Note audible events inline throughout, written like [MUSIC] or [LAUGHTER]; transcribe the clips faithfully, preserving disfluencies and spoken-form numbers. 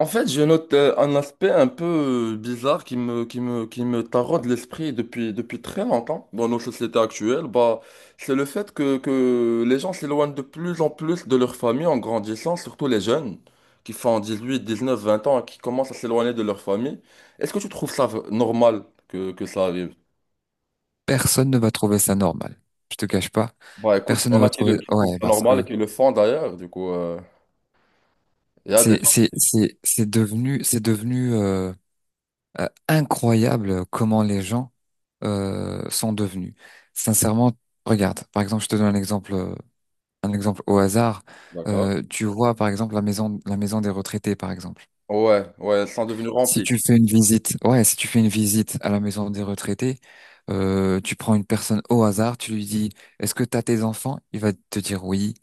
En fait, je note euh, un aspect un peu euh, bizarre qui me, qui me, qui me taraude l'esprit depuis, depuis très longtemps dans nos sociétés actuelles. Bah, c'est le fait que, que les gens s'éloignent de plus en plus de leur famille en grandissant, surtout les jeunes qui font dix-huit, dix-neuf, vingt ans et qui commencent à s'éloigner de leur famille. Est-ce que tu trouves ça v- normal que, que ça arrive? Personne ne va trouver ça normal. Je te cache pas. Bah écoute, Personne il y ne en va a qui, le, trouver. qui trouvent Ouais, ça parce normal que et qui le font d'ailleurs. Du coup, euh, il y a des c'est gens, c'est c'est c'est devenu c'est devenu euh, euh, incroyable comment les gens euh, sont devenus. Sincèrement, regarde. Par exemple, je te donne un exemple euh, un exemple au hasard. d'accord? Euh, tu vois, par exemple, la maison la maison des retraités, par exemple. Ouais, ouais, ils sont devenus Si remplis. tu fais une visite, ouais, si tu fais une visite à la maison des retraités, euh, tu prends une personne au hasard, tu lui dis, est-ce que t'as tes enfants? Il va te dire oui.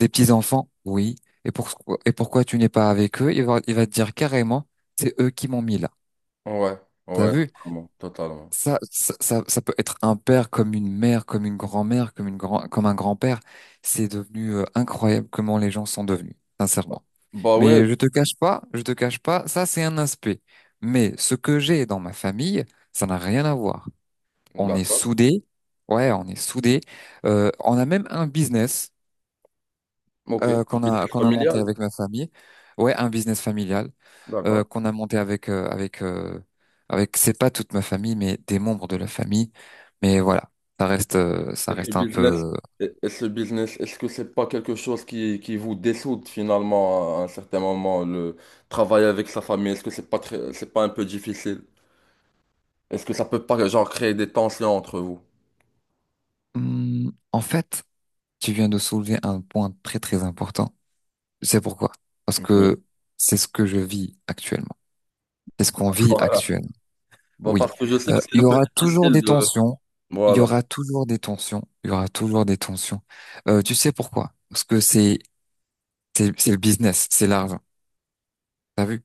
Des petits-enfants, oui. Et pourquoi, et pourquoi tu n'es pas avec eux? Il va, il va te dire carrément, c'est eux qui m'ont mis là. Ouais, T'as ouais, vu? totalement. Totalement. Ça, ça, ça, ça peut être un père comme une mère, comme une grand-mère, comme une grand, comme un grand-père. C'est devenu euh, incroyable comment les gens sont devenus, sincèrement. Bah ouais, Mais je te cache pas, je te cache pas, ça c'est un aspect. Mais ce que j'ai dans ma famille, ça n'a rien à voir. On est d'accord. soudés. Ouais, on est soudés. Euh, on a même un business. Ok, euh, un qu'on a business qu'on a monté familial. avec ma famille. Ouais, un business familial euh, D'accord. qu'on a monté avec euh, avec euh, avec c'est pas toute ma famille mais des membres de la famille. Mais voilà, ça reste euh, ça Et ce reste un business, peu. et, et ce business, est-ce que c'est pas quelque chose qui, qui vous dessoude finalement à un certain moment, le travail avec sa famille, est-ce que c'est pas très, c'est pas un peu difficile? Est-ce que ça peut pas genre créer des tensions entre vous? Hum, en fait, tu viens de soulever un point très très important. C'est pourquoi? Parce Oui. que c'est ce que je vis actuellement. C'est ce qu'on vit Voilà. actuellement. Bon, Oui. parce que je sais Euh, que c'est Il y un peu aura toujours difficile des de... tensions. Il y Voilà. aura toujours des tensions. Il y aura toujours des tensions. Euh, tu sais pourquoi? Parce que c'est C'est, c'est le business, c'est l'argent. T'as vu?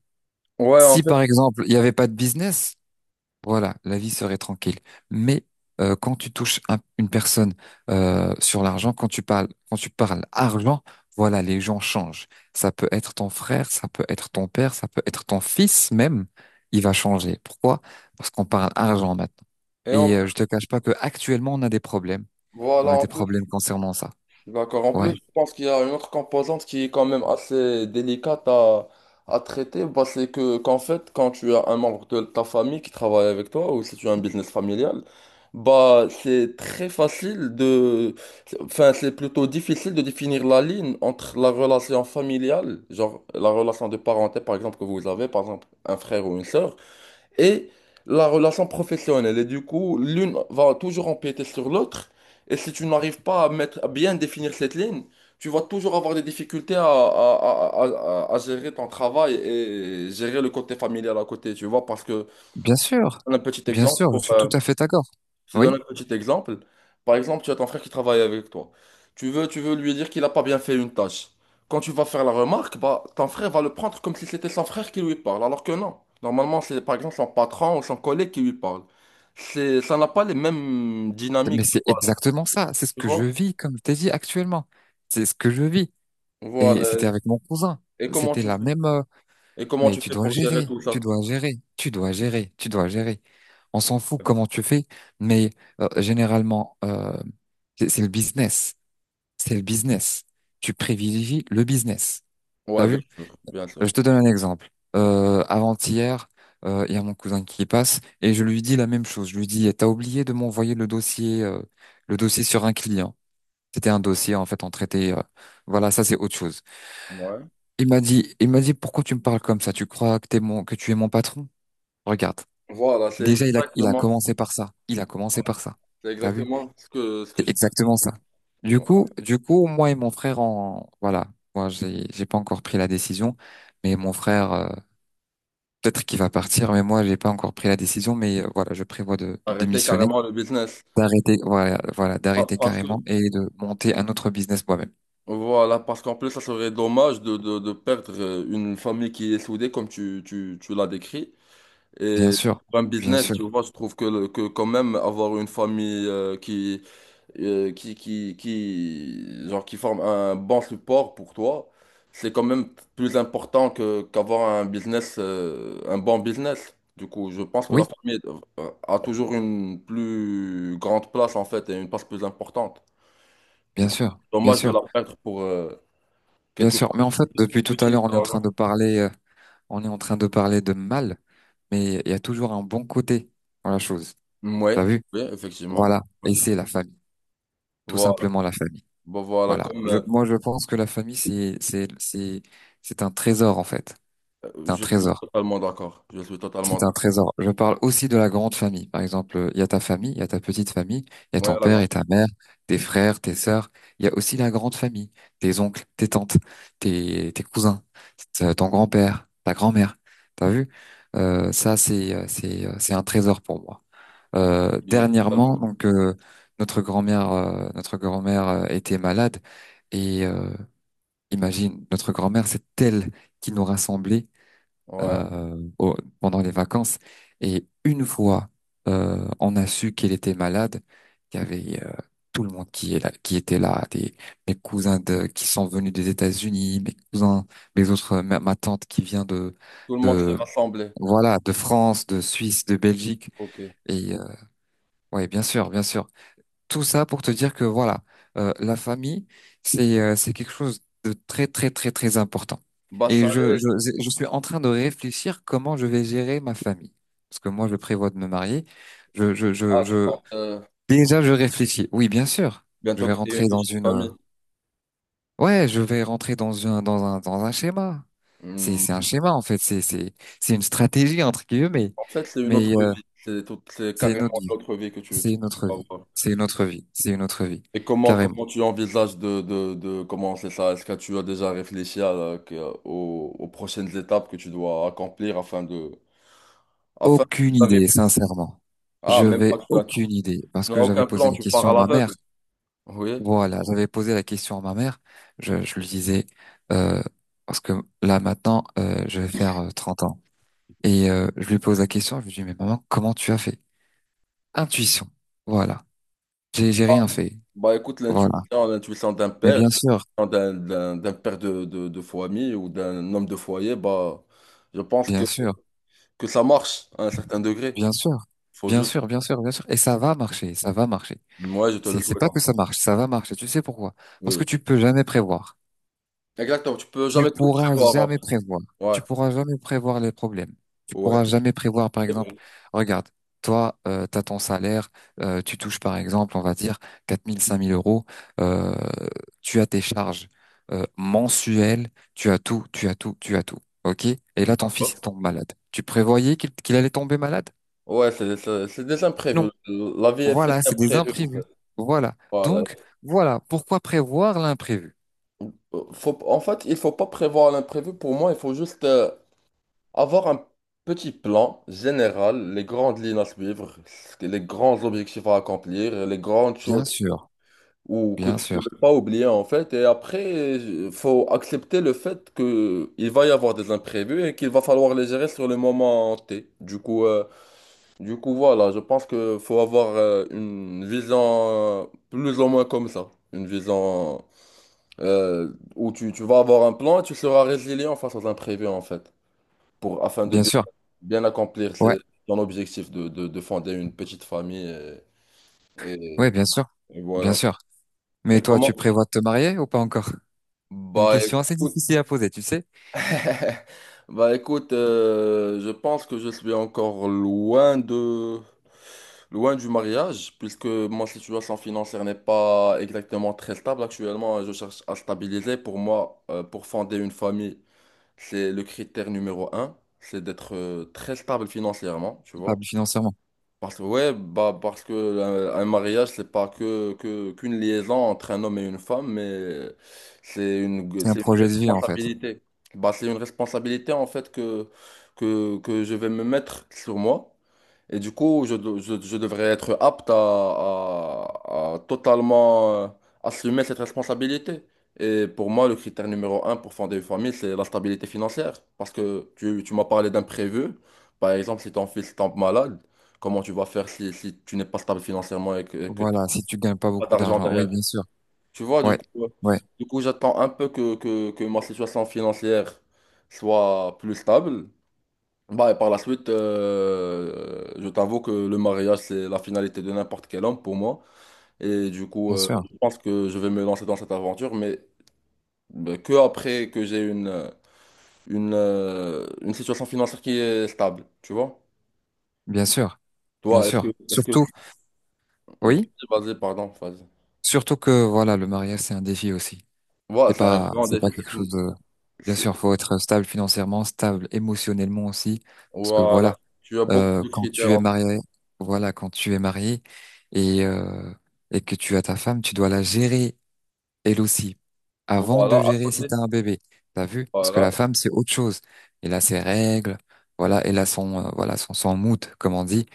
Ouais, en Si fait. par exemple, il n'y avait pas de business, voilà, la vie serait tranquille. Mais euh, quand tu touches un- une personne euh, sur l'argent, quand tu parles, quand tu parles argent, voilà, les gens changent. Ça peut être ton frère, ça peut être ton père, ça peut être ton fils même. Il va changer. Pourquoi? Parce qu'on parle argent maintenant. Et en... Et euh, je te cache pas que actuellement, on a des problèmes. Voilà, On a en des plus. problèmes concernant ça. D'accord. En plus, Ouais, je pense qu'il y a une autre composante qui est quand même assez délicate à, à traiter. Bah, c'est que, qu'en fait, quand tu as un membre de ta famille qui travaille avec toi ou si tu as un business familial, bah, c'est très facile de... c'est- Enfin, c'est plutôt difficile de définir la ligne entre la relation familiale, genre la relation de parenté, par exemple, que vous avez, par exemple, un frère ou une sœur, et la relation professionnelle. Et du coup, l'une va toujours empiéter sur l'autre. Et si tu n'arrives pas à mettre, à bien définir cette ligne, tu vas toujours avoir des difficultés à, à- à- à- à- à gérer ton travail et gérer le côté familial à côté, tu vois. Parce que, bien sûr, un petit bien exemple, sûr, pour, je suis tout euh, à fait d'accord. je te donne un Oui. petit exemple. Par exemple, tu as ton frère qui travaille avec toi. Tu veux, tu veux lui dire qu'il n'a pas bien fait une tâche. Quand tu vas faire la remarque, bah, ton frère va le prendre comme si c'était son frère qui lui parle, alors que non. Normalement, c'est par exemple son patron ou son collègue qui lui parle. C'est, ça n'a pas les mêmes dynamiques Mais de c'est base, exactement ça. C'est ce tu que je vois? vis, comme je t'ai dit actuellement. C'est ce que je vis. Et c'était Voilà. avec mon cousin. Et comment C'était tu la fais? même. euh, Et comment mais tu tu fais dois pour gérer gérer, tout tu ça? dois gérer, tu dois gérer, tu dois gérer. On s'en fout comment tu fais, mais euh, généralement, euh, c'est c'est le business. C'est le business. Tu privilégies le business. T'as Ouais, bien vu? sûr, bien Euh, sûr. Je te donne un exemple. Ouais. Euh, avant-hier, euh, il y a mon cousin qui passe et je lui dis la même chose. Je lui dis, t'as oublié de m'envoyer le dossier, euh, le dossier sur un client. C'était un dossier, en fait, on traitait, euh, voilà, ça c'est autre chose. Ouais. Il m'a dit, il m'a dit, pourquoi tu me parles comme ça? Tu crois que t'es mon, que tu es mon patron? Regarde. Voilà, c'est Déjà, il a, il a exactement, commencé par ça. Il a commencé par ça. c'est T'as vu? exactement ce que, ce que C'est je te exactement dis. ça. Du coup, du coup, moi et mon frère, en, voilà. Moi, j'ai, j'ai pas encore pris la décision, mais mon frère, euh, peut-être qu'il va partir, mais moi, j'ai pas encore pris la décision, mais euh, voilà, je prévois de, de Arrêter démissionner, carrément le business. d'arrêter, voilà, voilà, Pa- d'arrêter Parce que, carrément et de monter un autre business moi-même. voilà, parce qu'en plus, ça serait dommage de, de, de perdre euh, une famille qui est soudée, comme tu, tu, tu l'as décrit. Bien Et sûr. pour un Bien business, sûr. tu vois, je trouve que, le- que quand même avoir une famille euh, qui, euh, qui, qui, qui, genre, qui forme un bon support pour toi, c'est quand même plus important que, qu'avoir un business, euh, un bon business. Du coup, je pense que la Oui. famille euh, a toujours une plus grande place, en fait, et une place plus importante. Du Bien coup, sûr, bien dommage de sûr, la perdre pour euh, bien quelque sûr, Mais en chose fait, depuis tout à d'utile l'heure, on que est en l'argent. train de parler, euh, on est en train de parler de mal, mais il y a toujours un bon côté dans la chose. T'as Ouais, vu? oui, effectivement. Voilà. Ouais. Et c'est la famille, tout Voilà. simplement la famille. Bon, voilà, Voilà. comme Je, euh, moi, je pense que la famille, c'est, c'est, c'est, c'est un trésor en fait. C'est un je suis trésor. totalement d'accord. Je suis totalement C'est un d'accord. trésor. Je parle aussi de la grande famille. Par exemple, il y a ta famille, il y a ta petite famille, il y a Ouais, ton la père grande- et ta mère, tes frères, tes sœurs. Il y a aussi la grande famille, tes oncles, tes tantes, tes, tes cousins, t- ton grand-père, ta grand-mère. T'as vu? Euh, ça, c'est, euh, c'est, euh, c'est un trésor pour moi. Euh, je suis dernièrement, totalement- donc, euh, notre grand-mère, euh, notre grand-mère euh, était malade et euh, imagine, notre grand-mère, c'est elle qui nous rassemblait Ouais. euh, au- pendant les vacances. Et une fois, euh, on a su qu'elle était malade, qu'il y avait euh, tout le monde qui est là, qui était là, des, mes cousins de, qui sont venus des États-Unis, mes cousins, mes autres, ma, ma tante qui vient de, Tout le monde s'est de, rassemblé. voilà, de France, de Suisse, de Belgique. Ok. Et euh, ouais, bien sûr, bien sûr. Tout ça pour te dire que voilà, euh, la famille, c'est euh, c'est quelque chose de très très très très important. Bah, Et ça je, allait. je je suis en train de réfléchir comment je vais gérer ma famille. Parce que moi, je prévois de me marier. Je je je Ah, tu je comptes, euh, tu comptes déjà je réfléchis. Oui, bien sûr. Je bientôt vais créer une rentrer dans petite une euh, famille. ouais, je vais rentrer dans un dans un dans un schéma. C'est Hmm. c'est un schéma en fait. C'est c'est c'est une stratégie entre guillemets. En fait, c'est une Mais autre vie. euh, C'est tout, c'est c'est carrément notre une vie. autre vie que tu, tu, C'est tu notre vas vie. voir. C'est notre vie. C'est notre vie. Et comment, Carrément. comment tu envisages de, de, de commencer ça? Est-ce que tu as déjà réfléchi à la- que- aux, aux prochaines étapes que tu dois accomplir afin de, afin Aucune idée, d'arriver? sincèrement. Ah, Je même vais pas, tu n'as tu- aucune idée parce tu n'as que j'avais aucun posé plan, la tu pars question à à ma l'aveugle. mère. Oui. Voilà, j'avais posé la question à ma mère. Je, je lui disais euh, parce que là maintenant euh, je vais faire euh, trente ans et euh, je lui pose la question. Je lui dis mais maman comment tu as fait? Intuition. Voilà. J'ai j'ai rien fait. Bah écoute, Voilà. l'intuition, l'intuition d'un Mais père, bien sûr, d'un, d'un, d'un père de, de, de famille ou d'un homme de foyer, bah je pense que, bien sûr, que ça marche à un certain degré. bien sûr, Faut bien juste. sûr, bien sûr, bien sûr. Et ça va marcher, ça va marcher. Ouais, je te le C'est c'est souhaite. pas que ça marche, ça va marcher. Tu sais pourquoi? Parce Oui. que tu peux jamais prévoir. Exactement, tu peux Tu jamais tout pourras prévoir. En jamais prévoir. Ouais, Tu pourras jamais prévoir les problèmes. Tu ouais. pourras jamais prévoir, par C'est exemple, vrai. regarde, toi, tu as ton salaire, euh, tu touches, par exemple, on va dire, quatre mille, cinq mille euros, euh, tu as tes charges euh, mensuelles, tu as tout, tu as tout, tu as tout. OK? Et là, ton fils, il tombe malade. Tu prévoyais qu'il qu'il allait tomber malade? Ouais, c'est c'est- c'est des Non. imprévus. La vie est faite Voilà, c'est des d'imprévus, en imprévus. fait. Voilà. Voilà. Donc, voilà, pourquoi prévoir l'imprévu? Faut, en fait, il faut pas prévoir l'imprévu. Pour moi, il faut juste euh, avoir un petit plan général, les grandes lignes à suivre, ce que- les grands objectifs à accomplir, les grandes choses Bien sûr, ou que bien tu sûr, ne peux pas oublier, en fait. Et après, il faut accepter le fait que il va y avoir des imprévus et qu'il va falloir les gérer sur le moment T. Du coup, euh, Du coup, voilà, je pense que faut avoir euh, une vision euh, plus ou moins comme ça. Une vision euh, où tu, tu vas avoir un plan et tu seras résilient face aux imprévus, en fait, pour, afin de bien bien, sûr. bien accomplir Ouais. ses- ton objectif de, de, de fonder une petite famille. Et, Oui, et- bien sûr, et bien voilà. sûr. Et Mais toi, comment? tu prévois de te marier ou pas encore? C'est une Bah question assez écoute. difficile à poser, tu sais, [LAUGHS] Bah écoute, euh, je pense que je suis encore loin de loin du mariage, puisque ma situation financière n'est pas exactement très stable. Actuellement, je cherche à stabiliser. Pour moi, euh, pour fonder une famille, c'est le critère numéro un, c'est d'être euh, très stable financièrement, tu vois. stable financièrement. Parce que, ouais, bah, parce que euh, un mariage, c'est pas que, que, qu'une liaison entre un homme et une femme, mais c'est une, C'est un c'est une projet de vie, en fait. responsabilité. Bah, c'est une responsabilité, en fait, que, que, que je vais me mettre sur moi. Et du coup, je, de- je, je devrais être apte à, à- à totalement euh, assumer cette responsabilité. Et pour moi, le critère numéro un pour fonder une famille, c'est la stabilité financière. Parce que tu, tu m'as parlé d'imprévu. Par exemple, si ton fils tombe malade, comment tu vas faire si, si tu n'es pas stable financièrement et que, que tu Voilà, si tu gagnes pas n'as pas beaucoup d'argent d'argent. Oui, derrière? bien sûr. Tu vois, du Ouais, coup, euh, ouais, du coup j'attends un peu que, que, que ma situation financière soit plus stable. Bah, et par la suite, euh, je t'avoue que le mariage, c'est la finalité de n'importe quel homme pour moi. Et du coup, bien euh, sûr, je pense que je vais me lancer dans cette aventure, mais euh, que après que j'ai une, euh, une, euh, une situation financière qui est stable, tu vois? bien sûr, bien Toi, est-ce que, sûr. est-ce que... Surtout, oui, Vas-y, vas-y, pardon, vas-y. surtout que, voilà, le mariage, c'est un défi aussi. Voilà, C'est c'est un pas, grand c'est pas défi. quelque C'est chose une- de, bien c'est- sûr, faut être stable financièrement, stable émotionnellement aussi. Parce que voilà, Voilà. Tu as beaucoup euh, de quand critères. tu es En fait. marié, voilà, quand tu es marié et, euh, et que tu as ta femme, tu dois la gérer elle aussi, avant Voilà, de à gérer si côté. t'as un bébé. T'as vu? Parce que Voilà, la femme, c'est autre chose. Elle a ses règles, voilà, elle a son, euh, voilà, son, son mood, comme on dit.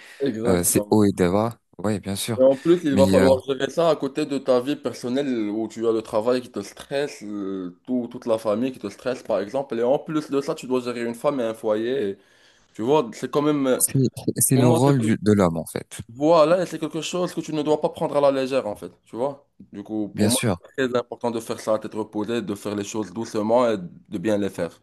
Euh, c'est exactement. haut et bas, ouais, bien Et sûr. en plus, il Mais va euh, falloir gérer ça à côté de ta vie personnelle où tu as le travail qui te stresse, euh, tout- toute la famille qui te stresse, par exemple. Et en plus de ça, tu dois gérer une femme et un foyer. Et tu vois, c'est quand même, euh, c'est c'est pour le moi, rôle quelque... du- de l'homme, en fait. voilà, et c'est quelque chose que tu ne dois pas prendre à la légère, en fait. Tu vois? Du coup, pour Bien moi, sûr, c'est très important de faire ça d'être tête de faire les choses doucement et de bien les faire.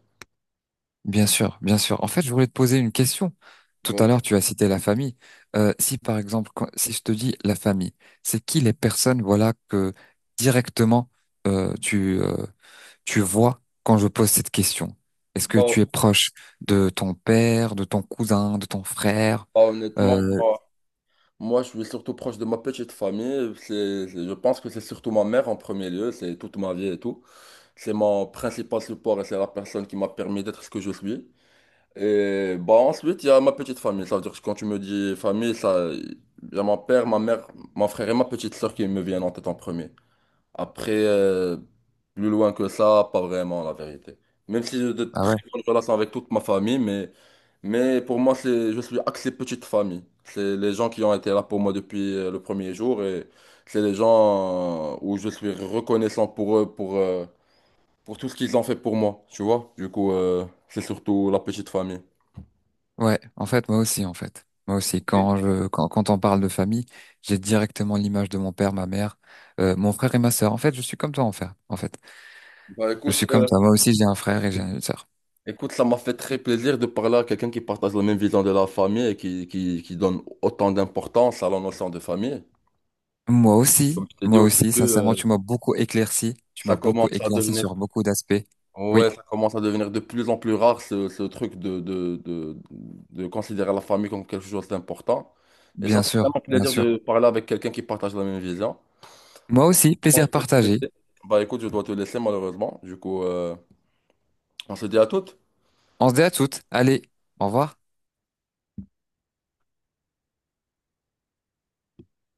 bien sûr, bien sûr. En fait, je voulais te poser une question. Tout à l'heure, tu as cité la famille. Euh, si, par exemple, quand- si je te dis la famille, c'est qui les personnes, voilà, que directement euh, tu, euh, tu vois quand je pose cette question? Est-ce que Voilà. tu es proche de ton père, de ton cousin, de ton frère? Bah, honnêtement, Euh, moi, moi, je suis surtout proche de ma petite famille. C'est, c'est- je pense que c'est surtout ma mère en premier lieu, c'est toute ma vie et tout. C'est mon principal support et c'est la personne qui m'a permis d'être ce que je suis. Et bah, ensuite, il y a ma petite famille. Ça veut dire que quand tu me dis famille, ça, il y a mon père, ma mère, mon frère et ma petite soeur qui me viennent en tête en premier. Après, euh, plus loin que ça, pas vraiment la vérité. Même si j'ai de ah très ouais. bonnes relations avec toute ma famille, mais. Mais pour moi, c'est, je suis axé petite famille. C'est les gens qui ont été là pour moi depuis euh, le premier jour et c'est les gens euh, où je suis reconnaissant pour eux, pour, euh, pour tout ce qu'ils ont fait pour moi, tu vois. Du coup, euh, c'est surtout la petite famille. Ouais, en fait, moi aussi, en fait. Moi aussi, Ok. quand je, quand, quand on parle de famille, j'ai directement l'image de mon père, ma mère, euh, mon frère et ma sœur. En fait, je suis comme toi, en fait. En fait, Bah, je écoute, suis comme euh, toi. Moi aussi, j'ai un frère et j'ai une sœur. écoute, ça m'a fait très plaisir de parler à quelqu'un qui partage la même vision de la famille et qui, qui, qui donne autant d'importance à la notion de famille. Moi Comme aussi, je t'ai dit moi au aussi, début, sincèrement, euh, tu m'as beaucoup éclairci. Tu ça m'as beaucoup commence à éclairci devenir sur beaucoup d'aspects. Oui, Ouais, ça commence à devenir de plus en plus rare ce, ce truc de, de, de, de considérer la famille comme quelque chose d'important. Et ça bien fait sûr, vraiment bien plaisir sûr. de parler avec quelqu'un qui partage la même vision. Moi aussi, Bon, plaisir je dois te partagé. laisser. Bah écoute, je dois te laisser malheureusement. Du coup, euh, on se dit à toutes. On se dit à toutes. Allez, au revoir.